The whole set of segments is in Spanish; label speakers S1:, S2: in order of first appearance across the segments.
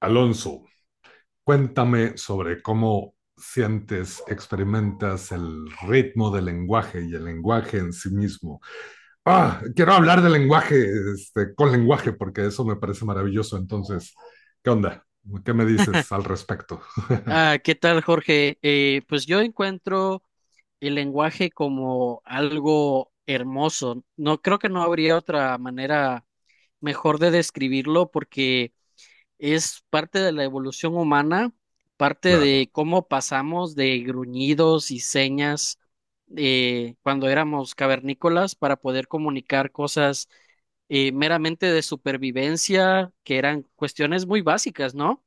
S1: Alonso, cuéntame sobre cómo sientes, experimentas el ritmo del lenguaje y el lenguaje en sí mismo. Quiero hablar del lenguaje, con lenguaje, porque eso me parece maravilloso. Entonces, ¿qué onda? ¿Qué me dices al respecto?
S2: ¿Qué tal, Jorge? Pues yo encuentro el lenguaje como algo hermoso. No creo que no habría otra manera mejor de describirlo porque es parte de la evolución humana, parte
S1: Claro,
S2: de cómo pasamos de gruñidos y señas cuando éramos cavernícolas para poder comunicar cosas meramente de supervivencia, que eran cuestiones muy básicas, ¿no?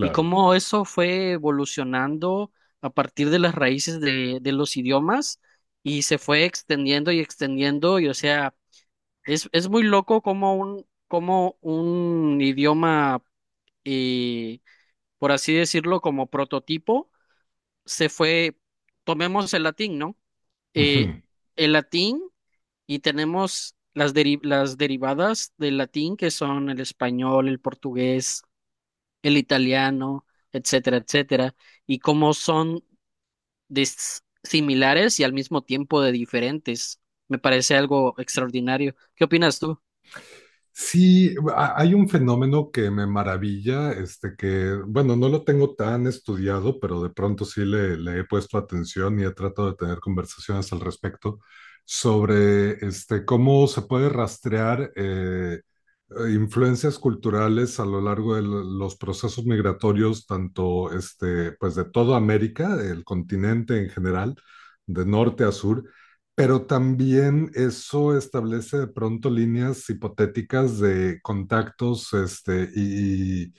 S2: Y cómo eso fue evolucionando a partir de las raíces de los idiomas y se fue extendiendo y extendiendo, y o sea, es muy loco cómo un idioma y, por así decirlo, como prototipo, se fue, tomemos el latín, ¿no? Eh, el latín y tenemos las derivadas del latín, que son el español, el portugués, el italiano, etcétera, etcétera, y cómo son similares y al mismo tiempo de diferentes. Me parece algo extraordinario. ¿Qué opinas tú?
S1: Sí, hay un fenómeno que me maravilla, que, bueno, no lo tengo tan estudiado, pero de pronto sí le he puesto atención y he tratado de tener conversaciones al respecto sobre cómo se puede rastrear influencias culturales a lo largo de los procesos migratorios, tanto pues de toda América, el continente en general, de norte a sur. Pero también eso establece de pronto líneas hipotéticas de contactos, este, y, y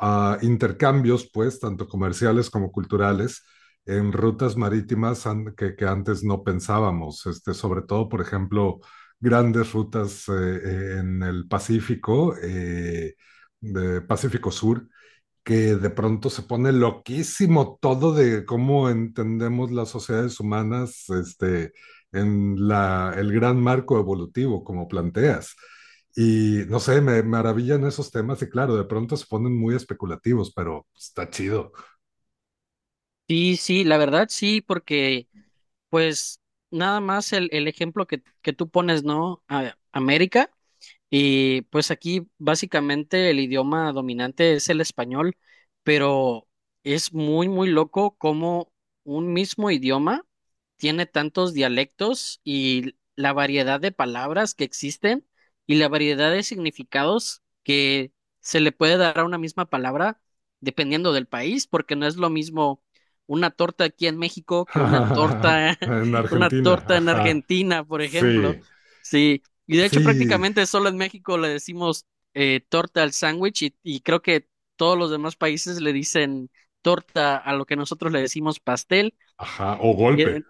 S1: uh, intercambios, pues, tanto comerciales como culturales en rutas marítimas que antes no pensábamos, sobre todo, por ejemplo, grandes rutas en el Pacífico, de Pacífico Sur, que de pronto se pone loquísimo todo de cómo entendemos las sociedades humanas en el gran marco evolutivo, como planteas. Y no sé, me maravillan esos temas y, claro, de pronto se ponen muy especulativos, pero está chido.
S2: Sí, sí, la verdad sí, porque pues nada más el ejemplo que tú pones, ¿no? América. Y pues aquí básicamente el idioma dominante es el español, pero es muy, muy loco cómo un mismo idioma tiene tantos dialectos y la variedad de palabras que existen y la variedad de significados que se le puede dar a una misma palabra dependiendo del país, porque no es lo mismo una torta aquí en México que una torta,
S1: En
S2: una
S1: Argentina,
S2: torta en
S1: ajá,
S2: Argentina, por ejemplo.
S1: sí,
S2: Sí, y de hecho,
S1: sí,
S2: prácticamente solo en México le decimos torta al sándwich y creo que todos los demás países le dicen torta a lo que nosotros le decimos pastel.
S1: ajá, o
S2: Y,
S1: golpe.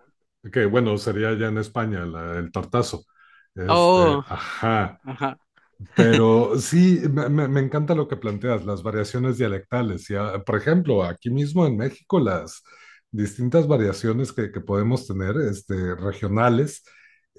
S1: Que bueno, sería ya en España el tartazo.
S2: oh,
S1: Ajá.
S2: ajá.
S1: Pero sí, me encanta lo que planteas, las variaciones dialectales. Y, por ejemplo, aquí mismo en México, las distintas variaciones que podemos tener, regionales,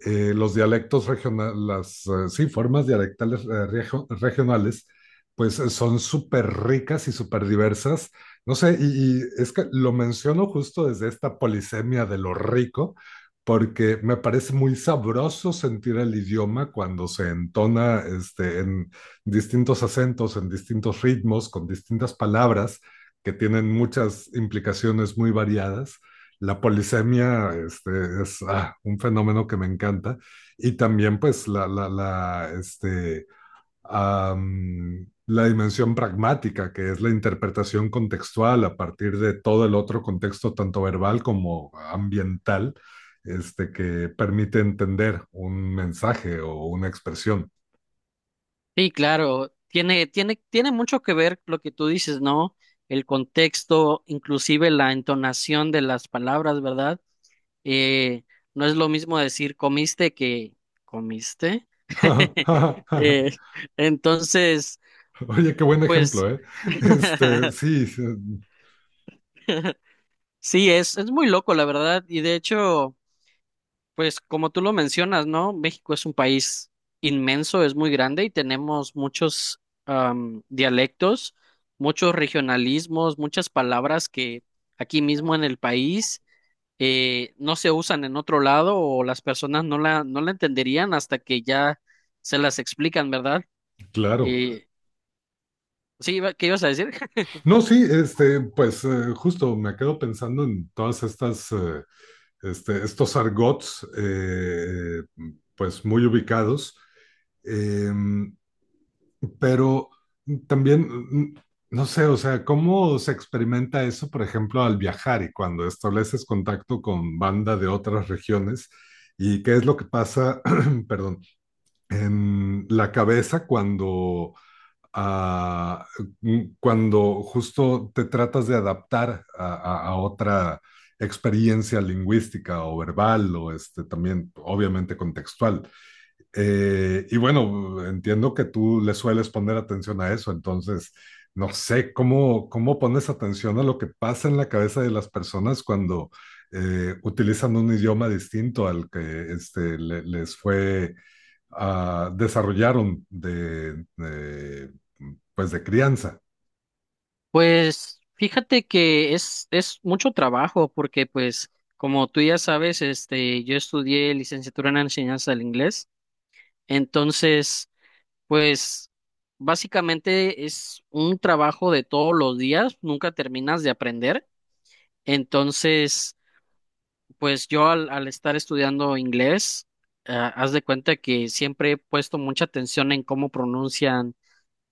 S1: los dialectos regionales, las, sí, formas dialectales regionales, pues son súper ricas y súper diversas. No sé, y es que lo menciono justo desde esta polisemia de lo rico, porque me parece muy sabroso sentir el idioma cuando se entona, en distintos acentos, en distintos ritmos, con distintas palabras que tienen muchas implicaciones muy variadas. La polisemia es, un fenómeno que me encanta. Y también pues am, la dimensión pragmática, que es la interpretación contextual a partir de todo el otro contexto, tanto verbal como ambiental, que permite entender un mensaje o una expresión.
S2: Sí, claro, tiene mucho que ver lo que tú dices, ¿no? El contexto, inclusive la entonación de las palabras, ¿verdad? Eh, no es lo mismo decir comiste que comiste. Eh, entonces,
S1: Oye, qué buen
S2: pues,
S1: ejemplo, ¿eh? Sí, sí,
S2: Sí, es muy loco, la verdad. Y de hecho, pues como tú lo mencionas, ¿no? México es un país inmenso, es muy grande y tenemos muchos dialectos, muchos regionalismos, muchas palabras que aquí mismo en el país no se usan en otro lado o las personas no la entenderían hasta que ya se las explican, ¿verdad?
S1: claro.
S2: Eh, sí, ¿qué ibas a decir?
S1: No, sí, pues justo me quedo pensando en todas estos argots, pues muy ubicados. Em, Pero también, no sé, o sea, ¿cómo se experimenta eso, por ejemplo, al viajar y cuando estableces contacto con banda de otras regiones? ¿Y qué es lo que pasa, perdón, en la cabeza cuando, ah, cuando justo te tratas de adaptar a, a otra experiencia lingüística o verbal, o también, obviamente, contextual? Y bueno, entiendo que tú le sueles poner atención a eso, entonces no sé cómo, pones atención a lo que pasa en la cabeza de las personas cuando utilizan un idioma distinto al que, desarrollaron de, pues, de crianza.
S2: Pues fíjate que es mucho trabajo porque pues como tú ya sabes, este, yo estudié licenciatura en enseñanza del inglés, entonces pues básicamente es un trabajo de todos los días, nunca terminas de aprender, entonces pues yo al estar estudiando inglés, ah, haz de cuenta que siempre he puesto mucha atención en cómo pronuncian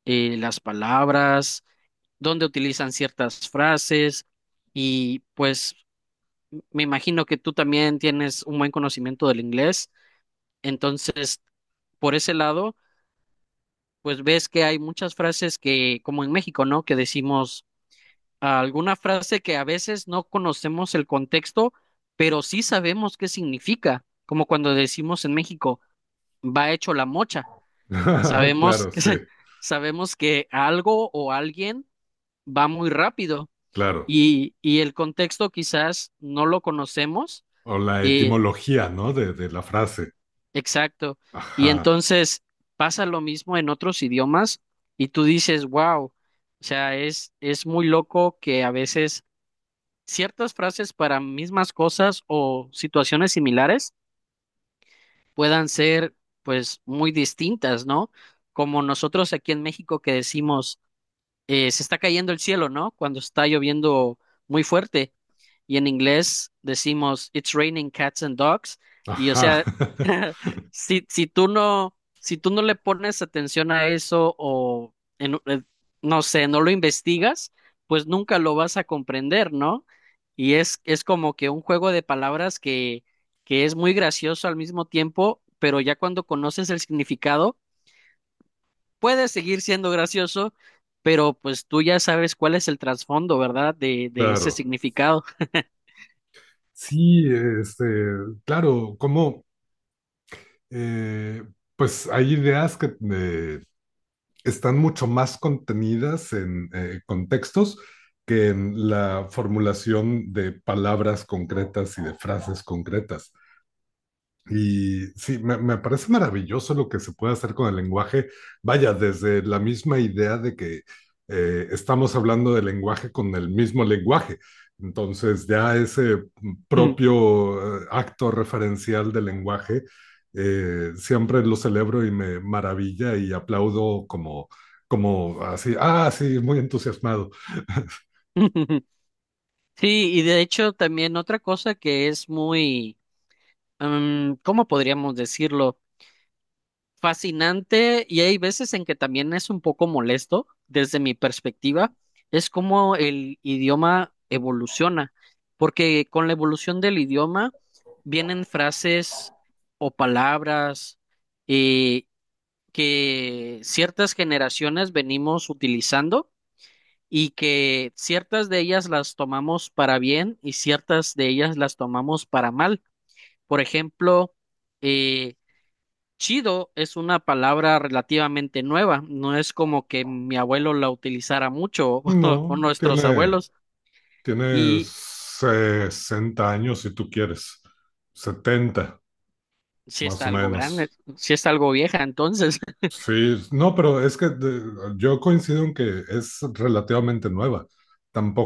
S2: las palabras donde utilizan ciertas frases y pues me imagino que tú también tienes un buen conocimiento del inglés, entonces por ese lado, pues ves que hay muchas frases que, como en México, ¿no? Que decimos alguna frase que a veces no conocemos el contexto, pero sí sabemos qué significa, como cuando decimos en México, va hecho la mocha, sabemos
S1: Claro,
S2: que,
S1: sí,
S2: sabemos que algo o alguien va muy rápido.
S1: claro.
S2: Y el contexto quizás no lo conocemos.
S1: O la
S2: eh,
S1: etimología, ¿no? De la frase.
S2: exacto. Y
S1: Ajá,
S2: entonces pasa lo mismo en otros idiomas y tú dices, wow, o sea, es muy loco que a veces ciertas frases para mismas cosas o situaciones similares puedan ser pues muy distintas, ¿no? Como nosotros aquí en México que decimos se está cayendo el cielo, ¿no? Cuando está lloviendo muy fuerte. Y en inglés decimos, it's raining cats and dogs. Y o
S1: ajá,
S2: sea, si tú no le pones atención a eso o, no sé, no lo investigas, pues nunca lo vas a comprender, ¿no? Y es como que un juego de palabras que es muy gracioso al mismo tiempo, pero ya cuando conoces el significado, puede seguir siendo gracioso, pero pues tú ya sabes cuál es el trasfondo, ¿verdad? De ese
S1: claro.
S2: significado.
S1: Sí, este, claro, como eh, pues hay ideas que están mucho más contenidas en contextos que en la formulación de palabras concretas y de frases concretas. Y sí, me parece maravilloso lo que se puede hacer con el lenguaje. Vaya, desde la misma idea de que, estamos hablando de lenguaje con el mismo lenguaje. Entonces, ya ese propio, acto referencial del lenguaje, siempre lo celebro y me maravilla y aplaudo como, así, sí, muy entusiasmado.
S2: Sí, y de hecho también otra cosa que es muy, ¿cómo podríamos decirlo? Fascinante y hay veces en que también es un poco molesto desde mi perspectiva, es como el idioma evoluciona, porque con la evolución del idioma vienen frases o palabras eh, que ciertas generaciones venimos utilizando y que ciertas de ellas las tomamos para bien y ciertas de ellas las tomamos para mal. Por ejemplo, eh, chido es una palabra relativamente nueva, no es como que mi abuelo la utilizara mucho o
S1: No,
S2: nuestros
S1: tiene,
S2: abuelos,
S1: tiene
S2: y
S1: 60 años, si tú quieres, 70.
S2: si
S1: Más
S2: está
S1: o
S2: algo grande,
S1: menos.
S2: si está algo vieja, entonces,
S1: Sí, no, pero es que yo coincido en que es relativamente nueva.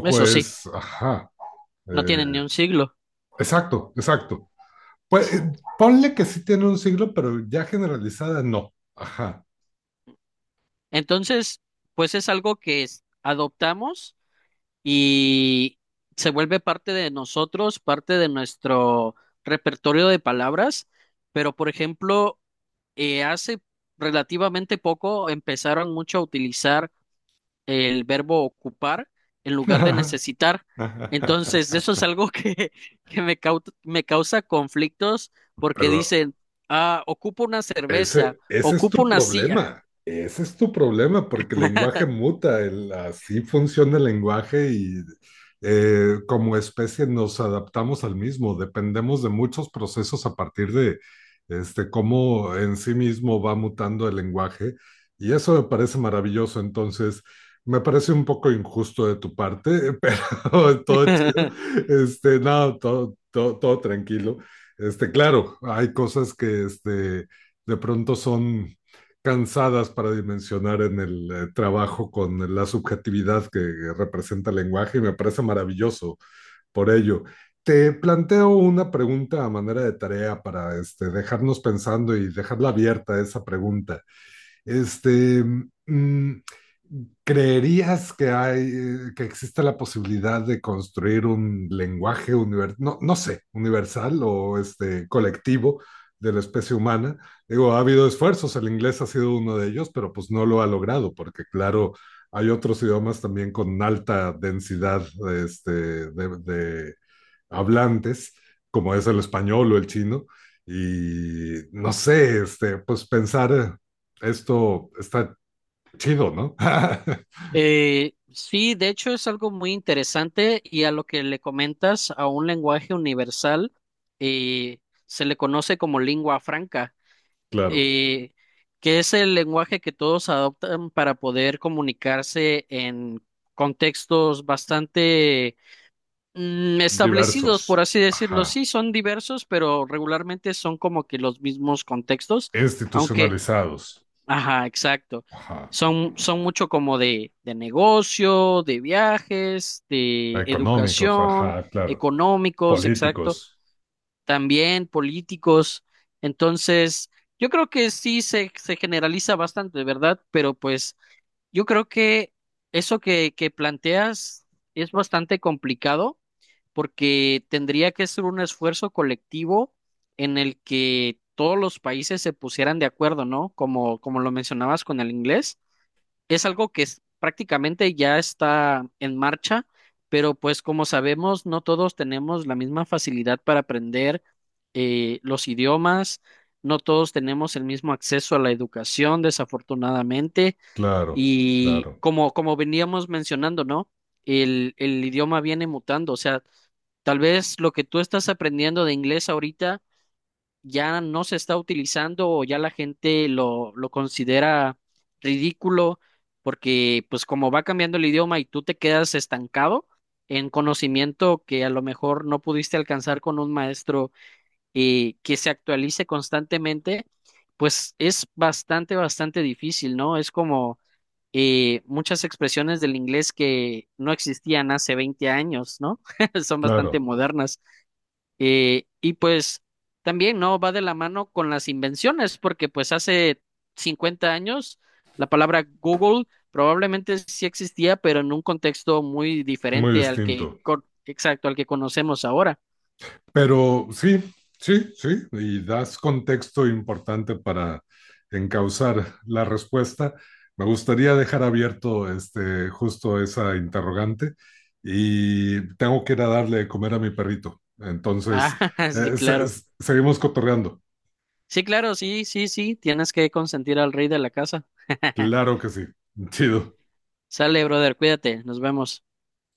S2: eso sí,
S1: es, ajá,
S2: no
S1: eh,
S2: tiene ni un siglo.
S1: exacto, exacto. Pues ponle que sí tiene un siglo, pero ya generalizada no. Ajá.
S2: Entonces, pues es algo que adoptamos y se vuelve parte de nosotros, parte de nuestro repertorio de palabras, pero por ejemplo, hace relativamente poco empezaron mucho a utilizar el verbo ocupar en lugar de necesitar. Entonces, eso es algo que, que me, me causa conflictos porque
S1: Pero
S2: dicen, ah, ocupo una cerveza,
S1: ese es
S2: ocupo
S1: tu
S2: una silla.
S1: problema, ese es tu problema, porque el lenguaje muta, así funciona el lenguaje. Y como especie nos adaptamos al mismo, dependemos de muchos procesos a partir de, cómo en sí mismo va mutando el lenguaje, y eso me parece maravilloso. Entonces me parece un poco injusto de tu parte, pero todo chido, no, todo, todo, todo tranquilo. Claro, hay cosas que, de pronto son cansadas para dimensionar en el, trabajo con la subjetividad que representa el lenguaje, y me parece maravilloso por ello. Te planteo una pregunta a manera de tarea, para dejarnos pensando y dejarla abierta esa pregunta. Este, mm, ¿Creerías que, que existe la posibilidad de construir un lenguaje universal, no, no sé, universal o colectivo de la especie humana? Digo, ha habido esfuerzos, el inglés ha sido uno de ellos, pero pues no lo ha logrado, porque claro, hay otros idiomas también con alta densidad, de hablantes, como es el español o el chino. Y no sé, pues pensar, esto está chido, ¿no?
S2: Sí, de hecho es algo muy interesante y a lo que le comentas a un lenguaje universal eh, se le conoce como lengua franca.
S1: Claro,
S2: eh, que es el lenguaje que todos adoptan para poder comunicarse en contextos bastante establecidos, por
S1: diversos,
S2: así decirlo.
S1: ajá,
S2: Sí, son diversos, pero regularmente son como que los mismos contextos, aunque,
S1: institucionalizados,
S2: ajá, exacto.
S1: ajá,
S2: Son mucho como de negocio, de viajes, de
S1: económicos,
S2: educación,
S1: ajá, claro,
S2: económicos, exacto,
S1: políticos,
S2: también políticos. Entonces, yo creo que sí se generaliza bastante, ¿verdad? Pero pues yo creo que eso que planteas es bastante complicado porque tendría que ser un esfuerzo colectivo en el que todos los países se pusieran de acuerdo, ¿no? Como, como lo mencionabas con el inglés, es algo que prácticamente ya está en marcha, pero pues como sabemos, no todos tenemos la misma facilidad para aprender los idiomas, no todos tenemos el mismo acceso a la educación, desafortunadamente,
S1: claro,
S2: y
S1: claro,
S2: como, como veníamos mencionando, ¿no? El idioma viene mutando, o sea, tal vez lo que tú estás aprendiendo de inglés ahorita ya no se está utilizando o ya la gente lo considera ridículo porque pues como va cambiando el idioma y tú te quedas estancado en conocimiento que a lo mejor no pudiste alcanzar con un maestro que se actualice constantemente, pues es bastante, bastante difícil, ¿no? Es como muchas expresiones del inglés que no existían hace 20 años, ¿no? Son bastante
S1: claro,
S2: modernas. Y pues también no va de la mano con las invenciones, porque pues hace 50 años la palabra Google probablemente sí existía, pero en un contexto muy
S1: muy
S2: diferente al que,
S1: distinto.
S2: exacto, al que conocemos ahora.
S1: Pero sí, sí, sí, y das contexto importante para encauzar la respuesta. Me gustaría dejar abierto, justo, esa interrogante, y tengo que ir a darle de comer a mi perrito. Entonces,
S2: Ah, sí, claro.
S1: seguimos cotorreando.
S2: Sí, claro, sí, sí, sí, tienes que consentir al rey de la casa.
S1: Claro que sí. Chido.
S2: Sale, brother, cuídate, nos vemos.